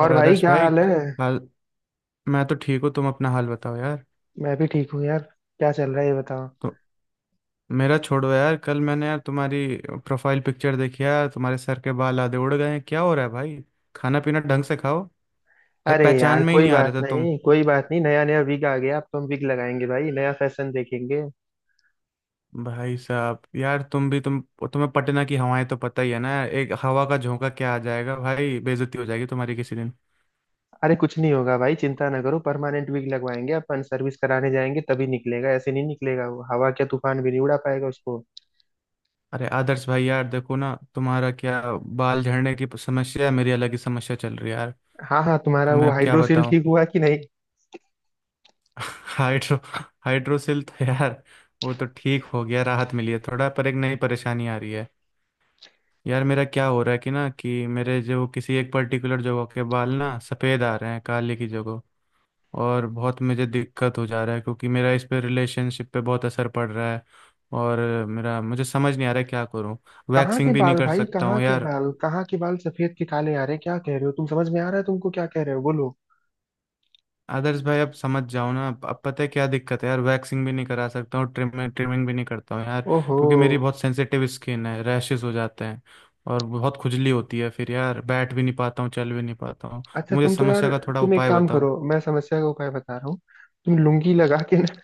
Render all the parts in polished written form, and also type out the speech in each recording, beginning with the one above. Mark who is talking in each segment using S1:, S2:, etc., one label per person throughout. S1: और भाई
S2: आदर्श
S1: क्या
S2: भाई।
S1: हाल है।
S2: हाल। मैं तो ठीक हूँ, तुम अपना हाल बताओ यार।
S1: मैं भी ठीक हूँ यार। क्या चल रहा है ये बताओ।
S2: तो मेरा छोड़ो यार, कल मैंने यार तुम्हारी प्रोफाइल पिक्चर देखी यार, तुम्हारे सर के बाल आधे उड़ गए हैं, क्या हो रहा है भाई। खाना पीना ढंग से खाओ। भाई
S1: अरे
S2: पहचान
S1: यार
S2: में ही
S1: कोई
S2: नहीं आ रहे
S1: बात
S2: थे तुम।
S1: नहीं कोई बात नहीं, नया नया विग आ गया, अब तो हम विग लगाएंगे भाई, नया फैशन देखेंगे।
S2: भाई साहब यार, तुम भी तुम तुम्हें पटना की हवाएं तो पता ही है ना यार, एक हवा का झोंका क्या आ जाएगा भाई, बेइज्जती हो जाएगी तुम्हारी किसी दिन।
S1: अरे कुछ नहीं होगा भाई, चिंता ना करो, परमानेंट विग लगवाएंगे, अपन सर्विस कराने जाएंगे तभी निकलेगा, ऐसे नहीं निकलेगा वो, हवा क्या तूफान भी नहीं उड़ा पाएगा उसको।
S2: अरे आदर्श भाई यार, देखो ना, तुम्हारा क्या बाल झड़ने की समस्या है, मेरी अलग ही समस्या चल रही है यार।
S1: हाँ हाँ,
S2: तो
S1: तुम्हारा
S2: मैं
S1: वो
S2: अब क्या
S1: हाइड्रोसील
S2: बताऊं।
S1: ठीक हुआ कि नहीं?
S2: हाइड्रो हाइड्रोसिल तो यार वो तो ठीक हो गया, राहत मिली है थोड़ा, पर एक नई परेशानी आ रही है। यार मेरा क्या हो रहा है कि ना कि मेरे जो किसी एक पर्टिकुलर जगह के बाल ना सफ़ेद आ रहे हैं काले की जगह, और बहुत मुझे दिक्कत हो जा रहा है क्योंकि मेरा इस पे रिलेशनशिप पे बहुत असर पड़ रहा है। और मेरा मुझे समझ नहीं आ रहा है क्या करूं।
S1: कहाँ के
S2: वैक्सिंग भी नहीं
S1: बाल
S2: कर
S1: भाई,
S2: सकता
S1: कहाँ
S2: हूँ
S1: के
S2: यार।
S1: बाल, कहाँ के बाल सफेद के काले आ रहे हैं? क्या कह रहे हो तुम? समझ में आ रहा है तुमको क्या कह रहे हो? बोलो।
S2: आदर्श भाई अब समझ जाओ ना। अब पता है क्या दिक्कत है यार, वैक्सिंग भी नहीं करा सकता हूँ, ट्रिमिंग ट्रिमिंग भी नहीं करता हूँ यार,
S1: ओहो।
S2: क्योंकि मेरी बहुत सेंसिटिव स्किन है, रैशेस हो जाते हैं और बहुत खुजली होती है, फिर यार बैठ भी नहीं पाता हूँ चल भी नहीं पाता हूँ।
S1: अच्छा
S2: मुझे
S1: तुम तो यार,
S2: समस्या का थोड़ा
S1: तुम एक
S2: उपाय
S1: काम
S2: बताओ।
S1: करो, मैं समस्या का उपाय बता रहा हूँ। तुम लुंगी लगा के ना,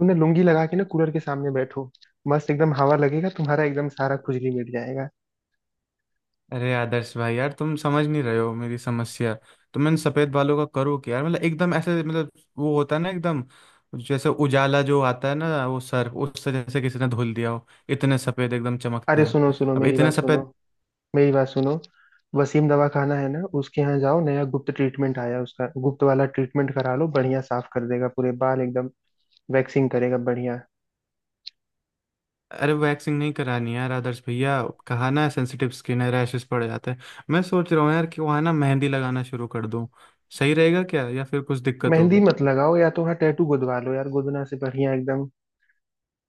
S1: तुमने लुंगी लगा के ना कूलर के सामने बैठो। मस्त एकदम हवा लगेगा, तुम्हारा एकदम सारा खुजली मिट जाएगा।
S2: अरे आदर्श भाई यार, तुम समझ नहीं रहे हो मेरी समस्या। तो मैंने सफेद बालों का करूँ क्या यार, मतलब एकदम ऐसे, मतलब वो होता है ना एकदम, जैसे उजाला जो आता है ना वो, सर उससे जैसे किसी ने धुल दिया हो, इतने सफेद एकदम चमकते
S1: अरे
S2: हैं।
S1: सुनो सुनो,
S2: अब
S1: मेरी
S2: इतने
S1: बात सुनो,
S2: सफेद।
S1: मेरी बात सुनो। वसीम दवा खाना है ना, उसके यहाँ जाओ, नया गुप्त ट्रीटमेंट आया है उसका, गुप्त वाला ट्रीटमेंट करा लो, बढ़िया साफ कर देगा पूरे बाल एकदम। वैक्सिंग करेगा बढ़िया।
S2: अरे वैक्सिंग नहीं करानी यार आदर्श भैया, कहा ना सेंसिटिव स्किन है, रैशेस पड़ जाते हैं। मैं सोच रहा हूँ यार कि वहाँ ना मेहंदी लगाना शुरू कर दूँ, सही रहेगा क्या या फिर कुछ दिक्कत
S1: मेहंदी
S2: होगी।
S1: मत लगाओ, या तो वहाँ टैटू गुदवा लो यार, गुदना से बढ़िया एकदम।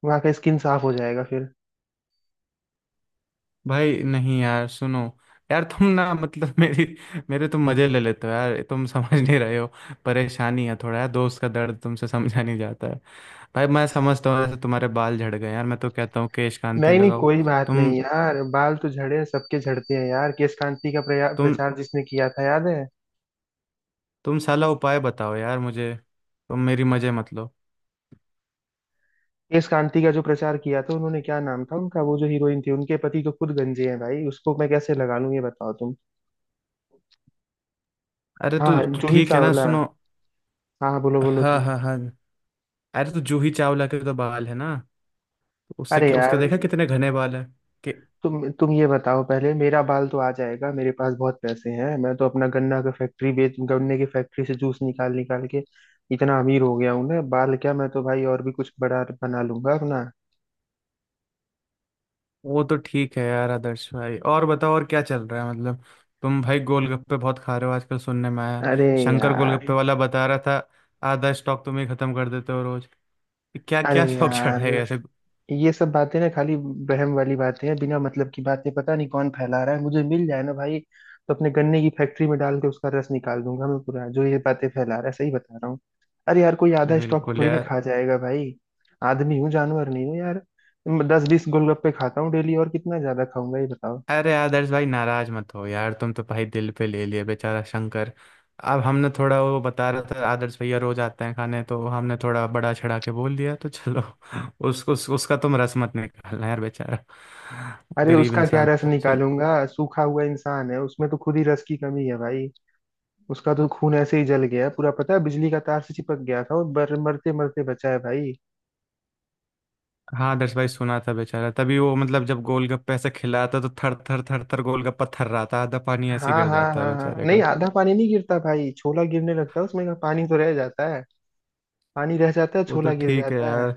S1: वहाँ का स्किन साफ हो जाएगा फिर।
S2: भाई नहीं यार, सुनो, यार तुम ना, मतलब मेरी, मेरे तुम मजे ले लेते हो यार, तुम समझ नहीं रहे हो। परेशानी है थोड़ा यार, दोस्त का दर्द तुमसे समझा नहीं जाता है। भाई मैं समझता हूँ, जैसे तुम्हारे बाल झड़ गए यार, मैं तो कहता हूँ केश कांति
S1: नहीं नहीं,
S2: लगाओ।
S1: कोई बात
S2: तुम
S1: नहीं यार, बाल तो झड़े सबके झड़ते हैं यार। केश कांति का
S2: तुम
S1: प्रचार जिसने किया था याद है?
S2: तुम साला उपाय बताओ यार मुझे, तुम मेरी मजे मत लो।
S1: केश कांति का जो प्रचार किया था उन्होंने, क्या नाम था उनका, वो जो हीरोइन थी उनके पति तो खुद गंजे हैं भाई, जूही, उसको मैं कैसे लगा लूं ये बताओ तुम।
S2: अरे
S1: हाँ,
S2: तो
S1: जूही
S2: ठीक है ना,
S1: चावला।
S2: सुनो।
S1: हाँ हाँ, बोलो बोलो
S2: हाँ
S1: तुम।
S2: हाँ हाँ। अरे तो जूही चावला के तो बाल है ना, उससे
S1: अरे
S2: क्या, उसका
S1: यार,
S2: देखा कितने घने बाल है कि
S1: तुम ये बताओ, पहले मेरा बाल तो आ जाएगा, मेरे पास बहुत पैसे हैं, मैं तो अपना गन्ना का फैक्ट्री बेच, गन्ने की फैक्ट्री से जूस निकाल निकाल के इतना अमीर हो गया हूं ना, बाल क्या मैं तो भाई और भी कुछ बड़ा बना लूंगा अपना।
S2: वो। तो ठीक है यार आदर्श भाई, और बताओ, और क्या चल रहा है मतलब। तुम भाई गोलगप्पे बहुत खा रहे हो आजकल सुनने में आया,
S1: अरे
S2: शंकर
S1: यार,
S2: गोलगप्पे वाला बता रहा था आधा स्टॉक तुम ही खत्म कर देते हो रोज। क्या
S1: अरे
S2: क्या शौक चढ़ा
S1: यार
S2: है ऐसे।
S1: ये सब बातें ना खाली बहम वाली बातें हैं, बिना मतलब की बातें, पता नहीं कौन फैला रहा है, मुझे मिल जाए ना भाई तो अपने गन्ने की फैक्ट्री में डाल के उसका रस निकाल दूंगा मैं पूरा, जो ये बातें फैला रहा है, सही बता रहा हूँ। अरे यार, कोई आधा स्टॉक
S2: बिल्कुल
S1: थोड़ी ना
S2: यार।
S1: खा जाएगा भाई। आदमी हूँ, जानवर नहीं हूँ यार। मैं 10-20 गोलगप्पे खाता हूँ डेली, और कितना ज्यादा खाऊंगा ये बताओ।
S2: अरे आदर्श भाई नाराज मत हो यार, तुम तो भाई दिल पे ले लिए, बेचारा शंकर। अब हमने थोड़ा वो, बता रहा था आदर्श भैया रोज आते हैं खाने, तो हमने थोड़ा बड़ा चढ़ा के बोल दिया, तो चलो उसको, उसका तुम रस मत निकालना यार, बेचारा
S1: अरे
S2: गरीब
S1: उसका क्या
S2: इंसान।
S1: रस
S2: सुन।
S1: निकालूंगा, सूखा हुआ इंसान है, उसमें तो खुद ही रस की कमी है भाई। उसका तो खून ऐसे ही जल गया पूरा, पता है, बिजली का तार से चिपक गया था और बर मरते मरते बचा है भाई।
S2: हाँ आदर्श भाई, सुना था बेचारा, तभी वो मतलब जब गोलगप्पे ऐसे खिलाता तो थर थर थर थर गोलगप्पा थर्राता, आधा पानी ऐसे
S1: हाँ
S2: गिर
S1: हाँ
S2: जाता है
S1: हाँ हाँ,
S2: बेचारे
S1: नहीं
S2: का।
S1: आधा पानी नहीं गिरता भाई, छोला गिरने लगता है उसमें का, पानी तो रह जाता है। पानी रह जाता है,
S2: वो तो
S1: छोला गिर
S2: ठीक है
S1: जाता है।
S2: यार,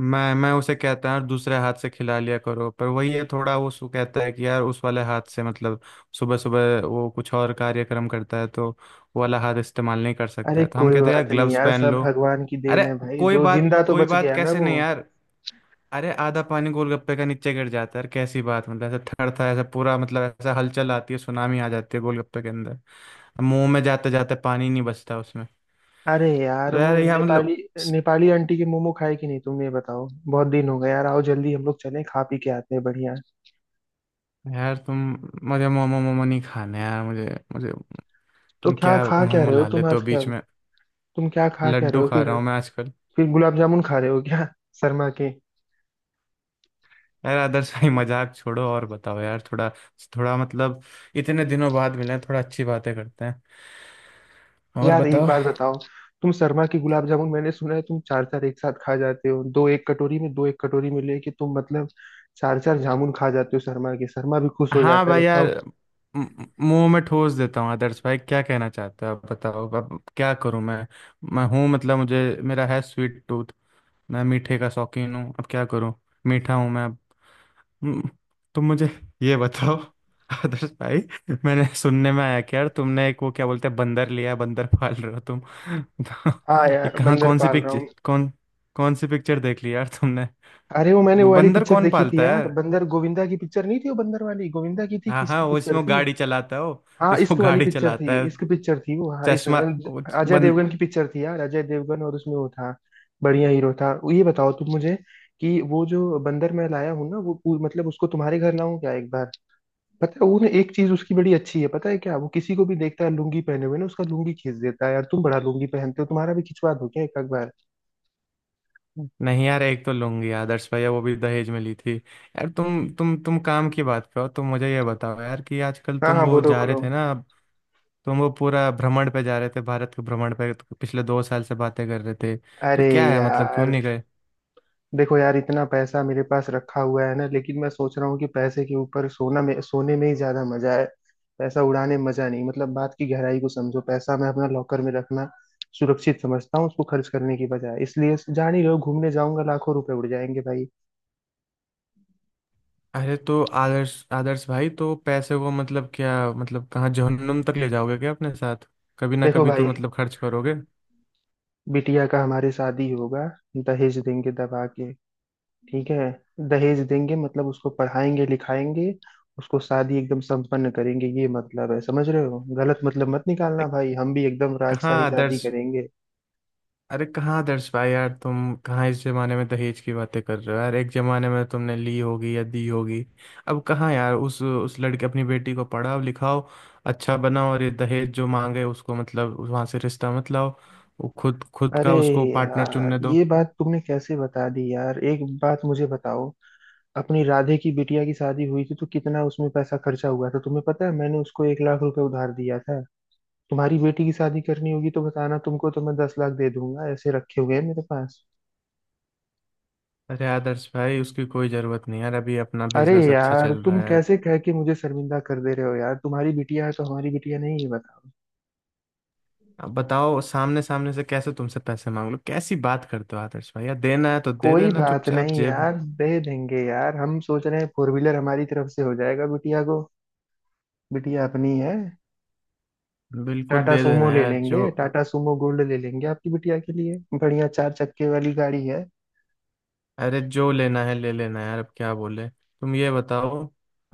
S2: मैं उसे कहता हूँ दूसरे हाथ से खिला लिया करो, पर वही है थोड़ा वो सु कहता है कि यार उस वाले हाथ से मतलब सुबह सुबह वो कुछ और कार्यक्रम करता है, तो वो वाला हाथ इस्तेमाल नहीं कर सकता
S1: अरे
S2: है, तो हम
S1: कोई
S2: कहते हैं यार
S1: बात नहीं
S2: ग्लव्स
S1: यार,
S2: पहन
S1: सब
S2: लो।
S1: भगवान की
S2: अरे
S1: देन है भाई, जो जिंदा तो
S2: कोई
S1: बच
S2: बात
S1: गया ना
S2: कैसे
S1: वो।
S2: नहीं यार। अरे आधा पानी गोलगप्पे का नीचे गिर जाता है यार, कैसी बात, मतलब ऐसा थरथा, ऐसा पूरा, मतलब ऐसा हलचल आती है, सुनामी आ जाती है गोलगप्पे के अंदर। अब मुंह में जाते जाते पानी नहीं बचता उसमें।
S1: अरे
S2: तो
S1: यार वो
S2: यार यार मतलब,
S1: नेपाली, नेपाली आंटी के मोमो खाए कि नहीं तुम ये बताओ, बहुत दिन हो गए यार, आओ जल्दी हम लोग चलें, खा पी के आते हैं बढ़िया।
S2: यार तुम। मुझे मोमो मोमो नहीं खाने यार, मुझे मुझे
S1: तो
S2: तुम
S1: क्या
S2: क्या
S1: खा
S2: मुंह
S1: क्या रहे हो
S2: मुला
S1: तुम
S2: लेते हो बीच
S1: आजकल?
S2: में।
S1: तुम क्या खा क्या
S2: लड्डू
S1: रहे हो
S2: खा
S1: फिर?
S2: रहा हूँ मैं आजकल।
S1: फिर गुलाब जामुन खा रहे हो क्या, शर्मा के?
S2: यार आदर्श भाई मजाक छोड़ो और बताओ यार थोड़ा, थोड़ा मतलब, इतने दिनों बाद मिले हैं, थोड़ा अच्छी बातें करते हैं और
S1: यार एक
S2: बताओ।
S1: बात बताओ, तुम शर्मा के गुलाब जामुन मैंने सुना है तुम चार चार एक साथ खा जाते हो, दो एक कटोरी में दो एक कटोरी में लेके तुम, मतलब चार चार जामुन खा जाते हो शर्मा के, शर्मा भी खुश हो
S2: हाँ
S1: जाता है,
S2: भाई यार,
S1: बताओ।
S2: मुंह में ठोस देता हूँ आदर्श भाई, क्या कहना चाहते हो आप बताओ, अब क्या करूँ मैं हूँ मतलब, मुझे मेरा है स्वीट टूथ, मैं मीठे का शौकीन हूँ, अब क्या करूँ, मीठा हूँ मैं। हम्म। तुम मुझे ये बताओ आदर्श भाई, मैंने सुनने में आया कि यार तुमने एक वो क्या बोलते हैं बंदर लिया है, बंदर पाल रहे हो तुम तो
S1: हाँ
S2: ये
S1: यार,
S2: कहाँ
S1: बंदर पाल रहा हूँ।
S2: कौन सी पिक्चर देख ली यार तुमने,
S1: अरे वो मैंने वो वाली
S2: बंदर
S1: पिक्चर
S2: कौन
S1: देखी
S2: पालता
S1: थी
S2: है
S1: यार,
S2: यार।
S1: बंदर, गोविंदा की पिक्चर नहीं थी वो बंदर वाली? गोविंदा की थी?
S2: हाँ हाँ
S1: किसकी
S2: वो
S1: पिक्चर थी? हाँ
S2: इसमें वो
S1: इश्क वाली
S2: गाड़ी
S1: पिक्चर
S2: चलाता
S1: थी,
S2: है,
S1: इश्क पिक्चर थी वो, हाँ इस
S2: चश्मा, वो
S1: अजय
S2: बं,
S1: देवगन की पिक्चर थी यार, अजय देवगन, और उसमें वो था। बढ़िया हीरो था। ये बताओ तुम मुझे, कि वो जो बंदर मैं लाया हूँ ना वो मतलब उसको तुम्हारे घर लाऊं क्या एक बार? पता है वो ना, एक चीज उसकी बड़ी अच्छी है, पता है क्या, वो किसी को भी देखता है लुंगी पहने हुए ना, उसका लुंगी खींच देता है यार, तुम बड़ा लुंगी पहनते हो, तुम्हारा भी खिंचवा दो क्या एक आध बार।
S2: नहीं यार, एक तो लूंगी आदर्श भैया वो भी दहेज में ली थी यार। तुम काम की बात करो, तुम मुझे ये बताओ यार कि आजकल
S1: हाँ
S2: तुम
S1: हाँ,
S2: वो
S1: बोलो
S2: जा रहे
S1: बोलो।
S2: थे ना, तुम वो पूरा भ्रमण पे जा रहे थे, भारत के भ्रमण पे तो पिछले 2 साल से बातें कर रहे थे, तो
S1: अरे
S2: क्या है मतलब क्यों
S1: यार
S2: नहीं गए।
S1: देखो यार, इतना पैसा मेरे पास रखा हुआ है ना, लेकिन मैं सोच रहा हूँ कि पैसे के ऊपर सोना में, सोने में ही ज्यादा मजा है। पैसा उड़ाने में मजा नहीं, मतलब बात की गहराई को समझो, पैसा मैं अपना लॉकर में रखना सुरक्षित समझता हूँ, उसको खर्च करने की बजाय, इसलिए जान ही रहो, घूमने जाऊंगा लाखों रुपए उड़ जाएंगे भाई।
S2: अरे तो आदर्श आदर्श भाई, तो पैसे को मतलब क्या, मतलब कहाँ जहन्नुम तक ले जाओगे क्या अपने साथ, कभी ना
S1: देखो
S2: कभी तो
S1: भाई,
S2: मतलब खर्च करोगे। अरे
S1: बिटिया का हमारे शादी होगा, दहेज देंगे दबा के, ठीक है। दहेज देंगे मतलब उसको पढ़ाएंगे लिखाएंगे, उसको शादी एकदम संपन्न करेंगे, ये मतलब है, समझ रहे हो, गलत मतलब मत निकालना भाई, हम भी एकदम
S2: कहाँ
S1: राजशाही शादी
S2: आदर्श
S1: करेंगे।
S2: अरे कहाँ दर्श भाई यार, तुम कहाँ इस जमाने में दहेज की बातें कर रहे हो यार, एक जमाने में तुमने ली होगी या दी होगी, अब कहाँ यार। उस लड़के, अपनी बेटी को पढ़ाओ लिखाओ अच्छा बनाओ, और ये दहेज जो मांगे उसको मतलब वहां से रिश्ता मत लाओ, वो खुद खुद
S1: अरे
S2: का उसको पार्टनर
S1: यार,
S2: चुनने दो।
S1: ये बात तुमने कैसे बता दी यार, एक बात मुझे बताओ, अपनी राधे की बिटिया की शादी हुई थी तो कितना उसमें पैसा खर्चा हुआ था, तुम्हें पता है मैंने उसको 1 लाख रुपए उधार दिया था। तुम्हारी बेटी की शादी करनी होगी तो बताना, तुमको तो मैं 10 लाख दे दूंगा, ऐसे रखे हुए हैं मेरे पास।
S2: अरे आदर्श भाई उसकी कोई जरूरत नहीं यार, अभी अपना
S1: अरे
S2: बिजनेस अच्छा
S1: यार
S2: चल रहा
S1: तुम
S2: है।
S1: कैसे कह के मुझे शर्मिंदा कर दे रहे हो यार, तुम्हारी बिटिया है तो हमारी बिटिया नहीं है, बताओ।
S2: अब बताओ, सामने सामने से कैसे तुमसे पैसे मांग लो, कैसी बात करते हो आदर्श भाई यार, देना है तो दे
S1: कोई
S2: देना
S1: बात
S2: चुपचाप
S1: नहीं
S2: जेब।
S1: यार, दे देंगे यार। हम सोच रहे हैं फोर व्हीलर हमारी तरफ से हो जाएगा बिटिया को, बिटिया अपनी है।
S2: बिल्कुल
S1: टाटा
S2: दे देना
S1: सूमो ले
S2: यार जो।
S1: लेंगे, टाटा सूमो गोल्ड ले लेंगे आपकी बिटिया के लिए, बढ़िया चार चक्के वाली गाड़ी है।
S2: अरे जो लेना है ले लेना यार, अब क्या बोले तुम, ये बताओ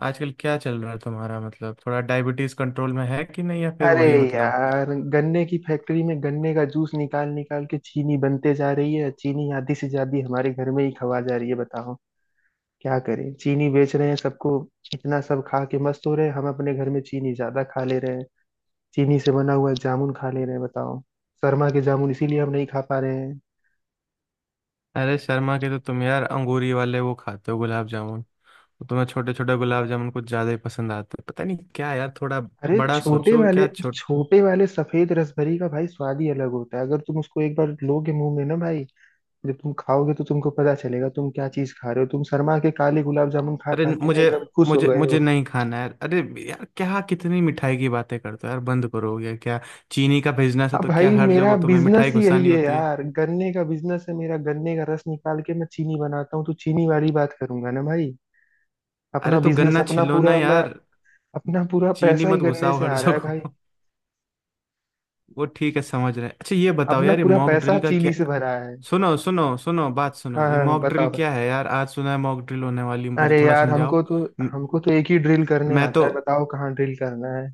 S2: आजकल क्या चल रहा है तुम्हारा, मतलब थोड़ा डायबिटीज कंट्रोल में है कि नहीं या फिर
S1: अरे
S2: वही मतलब।
S1: यार, गन्ने की फैक्ट्री में गन्ने का जूस निकाल निकाल के चीनी बनते जा रही है, चीनी आधी से ज्यादा हमारे घर में ही खवा जा रही है, बताओ। क्या करें, चीनी बेच रहे हैं सबको, इतना सब खा के मस्त हो रहे हैं हम, अपने घर में चीनी ज्यादा खा ले रहे हैं, चीनी से बना हुआ जामुन खा ले रहे हैं, बताओ। शर्मा के जामुन इसीलिए हम नहीं खा पा रहे हैं।
S2: अरे शर्मा के तो तुम यार अंगूरी वाले वो खाते हो गुलाब जामुन, तो तुम्हें छोटे छोटे गुलाब जामुन कुछ ज्यादा ही पसंद आते हैं, पता नहीं क्या यार, थोड़ा
S1: अरे
S2: बड़ा
S1: छोटे
S2: सोचो,
S1: वाले,
S2: क्या छोट।
S1: छोटे वाले सफेद रसभरी का भाई स्वाद ही अलग होता है, अगर तुम उसको एक बार लोगे मुंह में ना भाई, जब तुम खाओगे तो तुमको पता चलेगा तुम क्या चीज खा रहे हो। तुम शर्मा के काले गुलाब जामुन खा
S2: अरे
S1: खा के ना
S2: मुझे
S1: एकदम खुश हो
S2: मुझे
S1: गए
S2: मुझे
S1: हो।
S2: नहीं खाना है यार, अरे यार क्या कितनी मिठाई की बातें करते हो यार, बंद करो ये क्या, चीनी का बिजनेस है
S1: अब
S2: तो क्या
S1: भाई,
S2: हर
S1: मेरा
S2: जगह तुम्हें मिठाई
S1: बिजनेस ही
S2: घुसानी
S1: यही है
S2: होती है।
S1: यार, गन्ने का बिजनेस है मेरा, गन्ने का रस निकाल के मैं चीनी बनाता हूँ, तो चीनी वाली बात करूंगा ना भाई।
S2: अरे
S1: अपना
S2: तो
S1: बिजनेस
S2: गन्ना
S1: अपना
S2: छिलो ना
S1: पूरा, मैं
S2: यार,
S1: अपना पूरा
S2: चीनी
S1: पैसा
S2: मत
S1: ही गन्ने
S2: घुसाओ
S1: से
S2: हर
S1: आ रहा है भाई।
S2: जगह। वो ठीक है, समझ रहे हैं। अच्छा ये बताओ
S1: अपना
S2: यार, ये
S1: पूरा
S2: मॉक
S1: पैसा
S2: ड्रिल का क्या।
S1: चीनी से भरा है।
S2: सुनो सुनो सुनो, बात सुनो,
S1: हाँ
S2: ये
S1: हाँ,
S2: मॉक ड्रिल
S1: बताओ भाई।
S2: क्या है यार, आज सुना है मॉक ड्रिल होने वाली, मुझे
S1: अरे
S2: थोड़ा
S1: यार
S2: समझाओ।
S1: हमको तो,
S2: म-
S1: एक ही ड्रिल करने
S2: मैं तो।
S1: आता है, बताओ कहाँ ड्रिल करना है।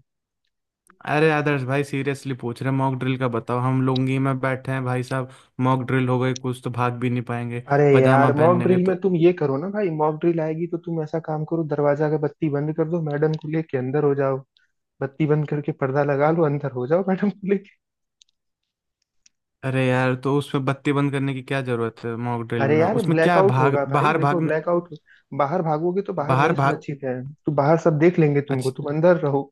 S2: अरे आदर्श भाई सीरियसली पूछ रहे हैं, मॉक ड्रिल का बताओ, हम लुंगी में बैठे हैं भाई साहब, मॉक ड्रिल हो गई कुछ तो भाग भी नहीं पाएंगे,
S1: अरे
S2: पजामा
S1: यार,
S2: पहन
S1: मॉक
S2: लेंगे
S1: ड्रिल में
S2: तो।
S1: तुम ये करो ना भाई, मॉक ड्रिल आएगी तो तुम ऐसा काम करो, दरवाजा का बत्ती बंद कर दो, मैडम को लेके अंदर हो जाओ। बत्ती बंद करके पर्दा लगा लो, अंदर हो जाओ मैडम को।
S2: अरे यार तो उसमें बत्ती बंद करने की क्या जरूरत है मॉक ड्रिल
S1: अरे
S2: में,
S1: यार
S2: उसमें क्या है
S1: ब्लैकआउट
S2: भाग
S1: होगा भाई,
S2: बाहर
S1: देखो,
S2: भागना,
S1: ब्लैकआउट। बाहर भागोगे तो बाहर
S2: बाहर
S1: नहीं
S2: भाग।
S1: सुरक्षित है, तो बाहर सब देख लेंगे तुमको,
S2: अच्छा
S1: तुम अंदर रहो।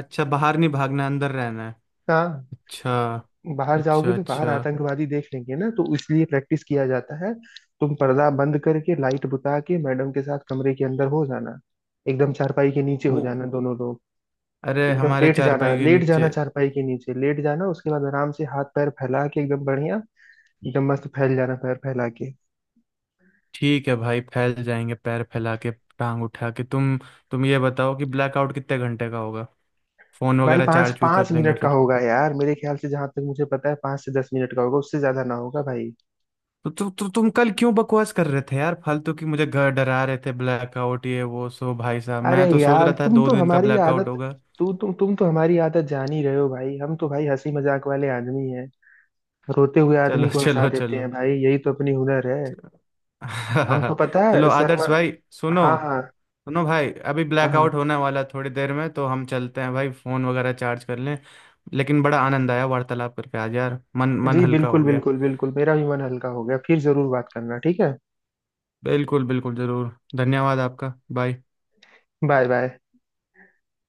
S2: अच्छा, बाहर नहीं भागना, अंदर रहना है।
S1: हाँ।
S2: अच्छा।
S1: बाहर जाओगे
S2: अच्छा।
S1: तो बाहर
S2: अच्छा
S1: आतंकवादी देख लेंगे ना, तो इसलिए प्रैक्टिस किया जाता है। तुम पर्दा बंद करके लाइट बुता के मैडम के साथ कमरे के अंदर हो जाना, एकदम चारपाई के नीचे हो
S2: वो
S1: जाना दोनों लोग।
S2: अरे
S1: एकदम
S2: हमारे
S1: लेट जाना,
S2: चारपाई के
S1: लेट
S2: नीचे।
S1: जाना चारपाई के नीचे, लेट जाना उसके बाद आराम से हाथ पैर फैला के, एकदम बढ़िया, एकदम मस्त फैल जाना पैर फैला के।
S2: ठीक है भाई फैल जाएंगे पैर फैला के, टांग उठा के। तुम ये बताओ कि ब्लैकआउट कितने घंटे का होगा, फोन
S1: भाई
S2: वगैरह
S1: पाँच
S2: चार्ज भी
S1: पाँच
S2: कर लेंगे
S1: मिनट का
S2: फिर।
S1: होगा यार, मेरे ख्याल से जहां तक मुझे पता है, 5 से 10 मिनट का होगा, उससे ज्यादा ना होगा भाई।
S2: तो तुम कल क्यों बकवास कर रहे थे यार, फालतू की मुझे घर डरा रहे थे ब्लैकआउट ये वो सो, भाई साहब
S1: अरे
S2: मैं तो सोच
S1: यार
S2: रहा था
S1: तुम
S2: दो
S1: तो
S2: दिन का
S1: हमारी
S2: ब्लैकआउट
S1: आदत,
S2: होगा।
S1: तू तुम तो हमारी आदत जान ही रहे हो भाई, हम तो भाई हंसी मजाक वाले आदमी हैं, रोते हुए
S2: चलो
S1: आदमी को हंसा
S2: चलो
S1: देते
S2: चलो।
S1: हैं भाई, यही तो अपनी हुनर है। हम तो पता
S2: चलो
S1: है शर्मा।
S2: आदर्श भाई, सुनो,
S1: हाँ हाँ
S2: सुनो भाई, अभी
S1: हाँ हाँ।
S2: ब्लैकआउट होने वाला है थोड़ी देर में, तो हम चलते हैं भाई, फोन वगैरह चार्ज कर लें। लेकिन बड़ा आनंद आया वार्तालाप करके आज यार, मन मन
S1: जी,
S2: हल्का
S1: बिल्कुल
S2: हो गया।
S1: बिल्कुल बिल्कुल, मेरा भी मन हल्का हो गया, फिर जरूर बात करना, ठीक है।
S2: बिल्कुल बिल्कुल जरूर, धन्यवाद आपका। बाय।
S1: Bye bye.